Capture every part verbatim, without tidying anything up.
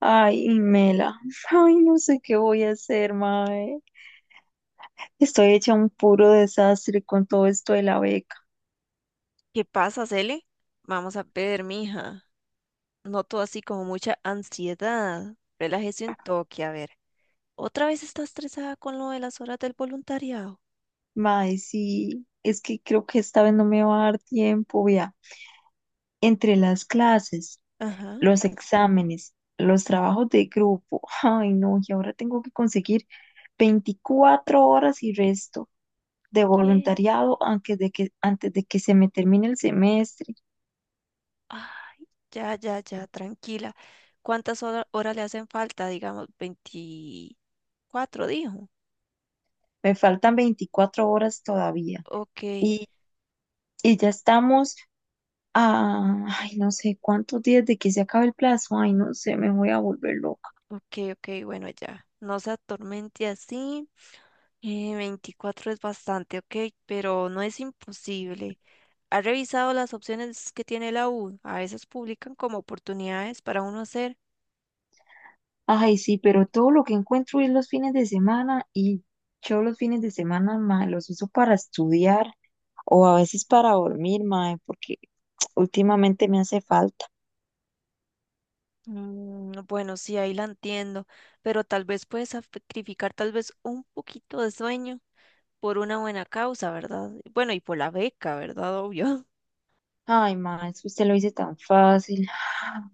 Ay, Mela, ay, no sé qué voy a hacer, mae. Estoy hecha un puro desastre con todo esto de la beca. ¿Qué pasa, Cele? Vamos a ver, mija. Noto así como mucha ansiedad. Relájese un toque, a ver. ¿Otra vez está estresada con lo de las horas del voluntariado? Mae, sí, es que creo que esta vez no me va a dar tiempo, vea. Entre las clases, Ajá. los exámenes, los trabajos de grupo, ay, no, y ahora tengo que conseguir veinticuatro horas y resto de ¿Qué? voluntariado antes de que, antes de que se me termine el semestre. Ah, ya, ya, ya, tranquila. ¿Cuántas hora- horas le hacen falta? Digamos, veinticuatro, dijo. Me faltan veinticuatro horas todavía. Ok, Y, y ya estamos. Ah, ay, no sé cuántos días de que se acabe el plazo. Ay, no sé, me voy a volver loca. ok, ok, bueno, ya. No se atormente así. Eh, veinticuatro es bastante, ok, pero no es imposible. ¿Ha revisado las opciones que tiene la U? A veces publican como oportunidades para uno hacer. Ay, sí, pero todo lo que encuentro es los fines de semana, y yo los fines de semana, mae, los uso para estudiar o a veces para dormir, mae, porque últimamente me hace falta. Mm, bueno, sí, ahí la entiendo, pero tal vez puedes sacrificar tal vez un poquito de sueño por una buena causa, ¿verdad? Bueno, y por la beca, ¿verdad? Obvio. Ay, mae, es que usted lo dice tan fácil. Ah,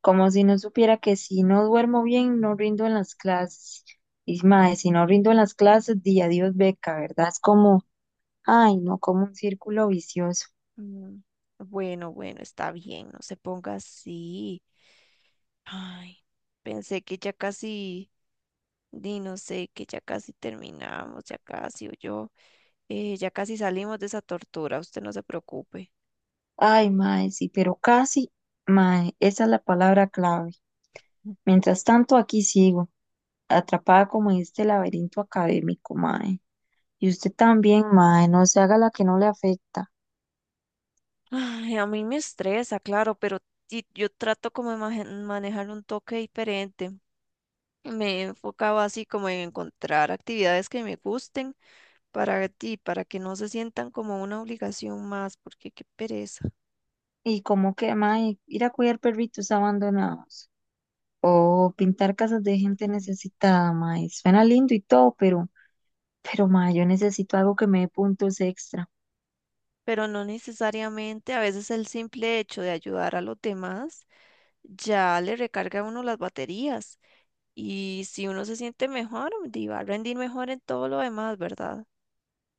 como si no supiera que si no duermo bien, no rindo en las clases. Y mae, si no rindo en las clases, di adiós beca, ¿verdad? Es como, ay, no, como un círculo vicioso. Mm, bueno, bueno, está bien, no se ponga así. Ay, pensé que ya casi, di, no sé, que ya casi terminamos, ya casi, o yo, eh, ya casi salimos de esa tortura, usted no se preocupe. Ay, mae, sí, pero casi, mae, esa es la palabra clave. Mientras tanto, aquí sigo, atrapada como en este laberinto académico, mae. Y usted también, mae, no se haga la que no le afecta. Ay, a mí me estresa, claro, pero sí, yo trato como de maje- manejar un toque diferente. Me he enfocado así como en encontrar actividades que me gusten para ti, para que no se sientan como una obligación más, porque qué pereza. Y como que, mae, ir a cuidar perritos abandonados. O pintar casas de gente Ujú. necesitada, mae. Suena lindo y todo, pero, pero, mae, yo necesito algo que me dé puntos extra. Pero no necesariamente, a veces el simple hecho de ayudar a los demás ya le recarga a uno las baterías y si uno se siente mejor, di, va a rendir mejor en todo lo demás, ¿verdad?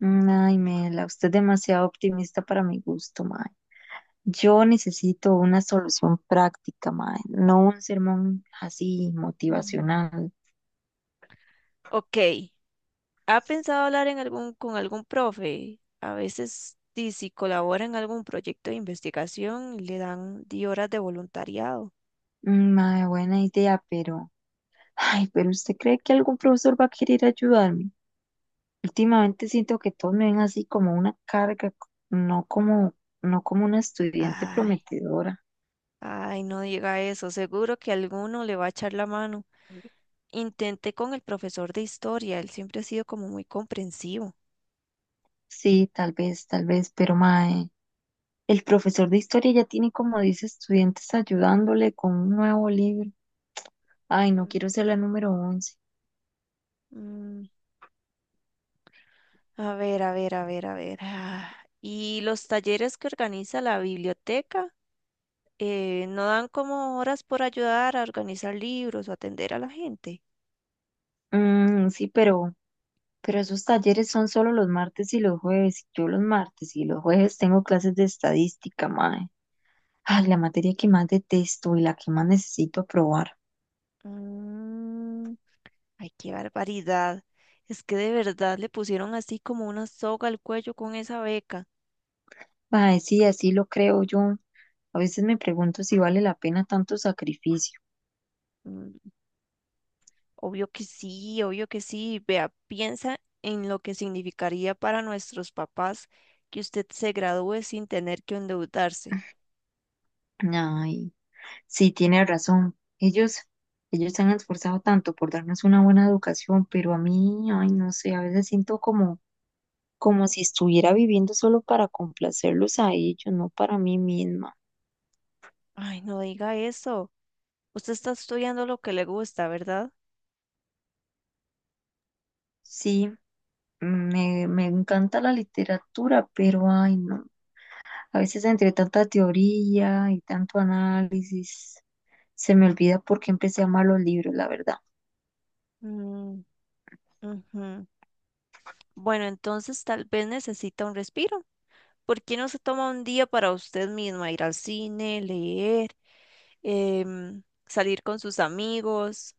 Mm, ay, Mela, usted es demasiado optimista para mi gusto, mae. Yo necesito una solución práctica, mae, no un sermón así Mm. motivacional. Ok, ¿ha pensado hablar en algún, con algún profe? A veces, di, si colabora en algún proyecto de investigación, le dan diez horas de voluntariado. Mm, mae, buena idea, pero, ay, pero ¿usted cree que algún profesor va a querer ayudarme? Últimamente siento que todos me ven así como una carga, no como, no como una estudiante Ay, prometedora. ay, no diga eso. Seguro que alguno le va a echar la mano. Intenté con el profesor de historia. Él siempre ha sido como muy comprensivo. Sí, tal vez, tal vez, pero mae, el profesor de historia ya tiene como diez estudiantes ayudándole con un nuevo libro. Ay, no Mm, quiero ser la número once. Mm, a ver, a ver, a ver, a ver. ah, Y los talleres que organiza la biblioteca, eh, ¿no dan como horas por ayudar a organizar libros o atender a la gente? Mm, sí, pero, pero esos talleres son solo los martes y los jueves. Yo los martes y los jueves tengo clases de estadística, mae. Ay, la materia que más detesto y la que más necesito aprobar. Mm, ay, qué barbaridad. Es que de verdad le pusieron así como una soga al cuello con esa beca. Mae, sí, así lo creo yo. A veces me pregunto si vale la pena tanto sacrificio. Mm, obvio que sí, obvio que sí. Vea, piensa en lo que significaría para nuestros papás que usted se gradúe sin tener que endeudarse. Ay. Sí, tiene razón. Ellos, ellos se han esforzado tanto por darnos una buena educación, pero a mí, ay, no sé, a veces siento como, como si estuviera viviendo solo para complacerlos a ellos, no para mí misma. Ay, no diga eso. Usted está estudiando lo que le gusta, ¿verdad? Sí, me, me encanta la literatura, pero ay, no. A veces entre tanta teoría y tanto análisis, se me olvida por qué empecé a amar los libros, la verdad. Mm, ujú. Bueno, entonces tal vez necesita un respiro. ¿Por qué no se toma un día para usted misma ir al cine, leer? Em, salir con sus amigos,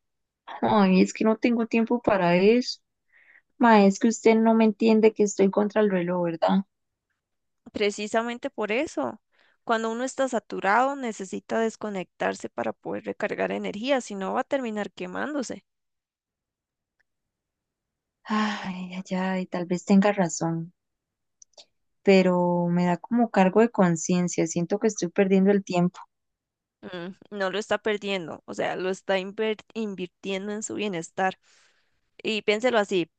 Ay, es que no tengo tiempo para eso. Ma, es que usted no me entiende que estoy contra el reloj, ¿verdad? precisamente por eso. Cuando uno está saturado, necesita desconectarse para poder recargar energía, si no va a terminar quemándose. Ay, ay, ay, tal vez tenga razón, pero me da como cargo de conciencia, siento que estoy perdiendo el tiempo. Mm, no lo está perdiendo, o sea, lo está inver- invirtiendo en su bienestar. Y piénselo así,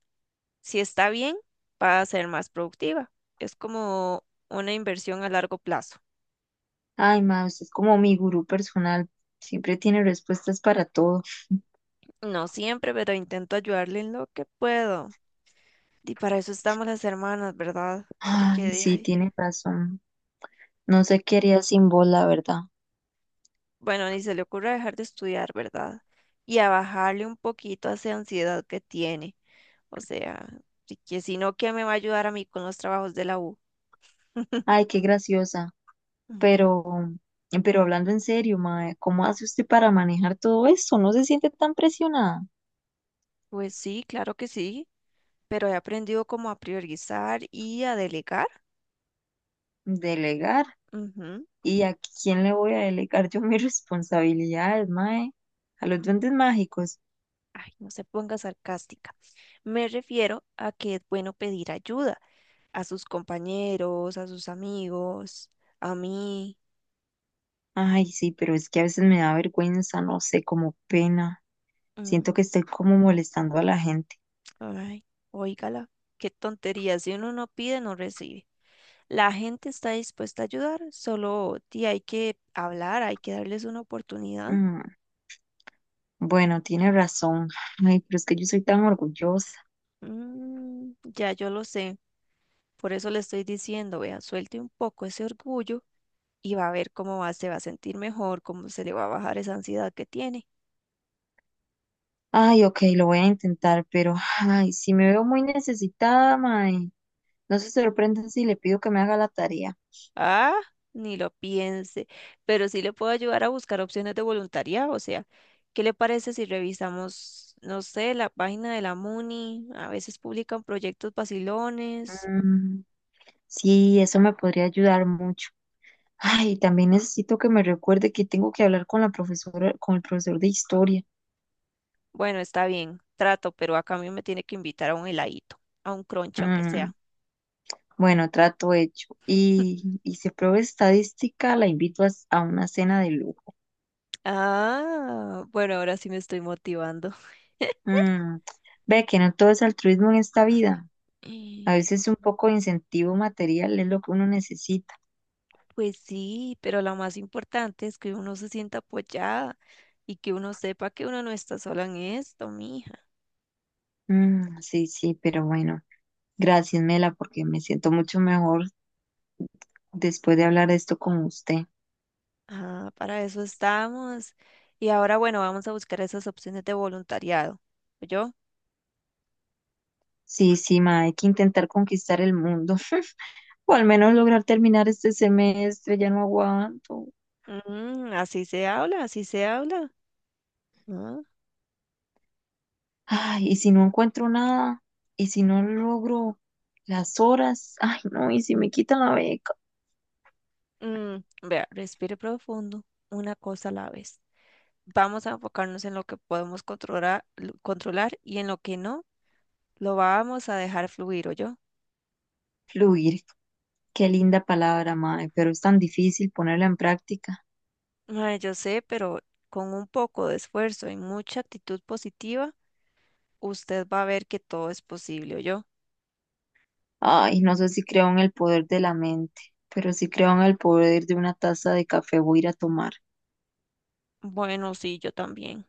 si está bien, va a ser más productiva. Es como una inversión a largo plazo. Ay, ma, usted es como mi gurú personal, siempre tiene respuestas para todo. No siempre, pero intento ayudarle en lo que puedo. Y para eso estamos las hermanas, ¿verdad? Porque Ay, sí, dije, tiene razón. No sé qué haría sin vos, la verdad. bueno, ni se le ocurra dejar de estudiar, ¿verdad? Y a bajarle un poquito a esa ansiedad que tiene. O sea, si que si no, ¿qué me va a ayudar a mí con los trabajos de la U? Ay, qué graciosa. Mm, Pero, pero hablando en serio, ma, ¿cómo hace usted para manejar todo esto? ¿No se siente tan presionada? pues sí, claro que sí, pero he aprendido como a priorizar y a delegar. Delegar. Ujú. ¿Y a quién le voy a delegar yo mis responsabilidades, mae? A los duendes mágicos. Ay, no se ponga sarcástica. Me refiero a que es bueno pedir ayuda a sus compañeros, a sus amigos, a mí. Ay, sí, pero es que a veces me da vergüenza, no sé, como pena. Mm, Siento que estoy como molestando a la gente. ay, óigala, qué tontería. Si uno no pide, no recibe. La gente está dispuesta a ayudar, solo ti, hay que hablar, hay que darles una oportunidad. Mm, bueno, tiene razón. Ay, pero es que yo soy tan orgullosa. Mm, ya yo lo sé, por eso le estoy diciendo, vea, suelte un poco ese orgullo y va a ver cómo va, se va a sentir mejor, cómo se le va a bajar esa ansiedad que tiene. Ay, ok, lo voy a intentar, pero ay, si me veo muy necesitada, mae, no se sorprenden si le pido que me haga la tarea. Ah, ni lo piense, pero sí le puedo ayudar a buscar opciones de voluntariado, o sea, ¿qué le parece si revisamos, no sé, la página de la MUNI? A veces publican proyectos vacilones. Mm, sí, eso me podría ayudar mucho. Ay, también necesito que me recuerde que tengo que hablar con la profesora, con el profesor de historia. Bueno, está bien, trato, pero a cambio me tiene que invitar a un heladito, a un crunch, aunque Mm, sea. bueno, trato hecho. Y, y si apruebo estadística, la invito a, a una cena de lujo. Ah, bueno, ahora sí me estoy motivando. Mm, ve que no todo es altruismo en esta vida. A Eh, veces un poco de incentivo material es lo que uno necesita. Pues sí, pero lo más importante es que uno se sienta apoyada y que uno sepa que uno no está sola en esto, mija. Mm, sí, sí, pero bueno, gracias, Mela, porque me siento mucho mejor después de hablar de esto con usted. Ah, para eso estamos. Y ahora, bueno, vamos a buscar esas opciones de voluntariado. ¿Yo? Sí, sí, ma, hay que intentar conquistar el mundo. O al menos lograr terminar este semestre, ya no aguanto. Así se habla, así se habla. Ah, Ay, y si no encuentro nada, y si no logro las horas, ay, no, y si me quitan la beca. mm, vea, respire profundo, una cosa a la vez. Vamos a enfocarnos en lo que podemos controlar, controlar y en lo que no, lo vamos a dejar fluir, o yo. Fluir, qué linda palabra, mae, pero es tan difícil ponerla en práctica. Mae, yo sé, pero con un poco de esfuerzo y mucha actitud positiva, usted va a ver que todo es posible, o yo. Ay, no sé si creo en el poder de la mente, pero sí creo en el poder de una taza de café voy a ir a tomar. Bueno, sí, yo también.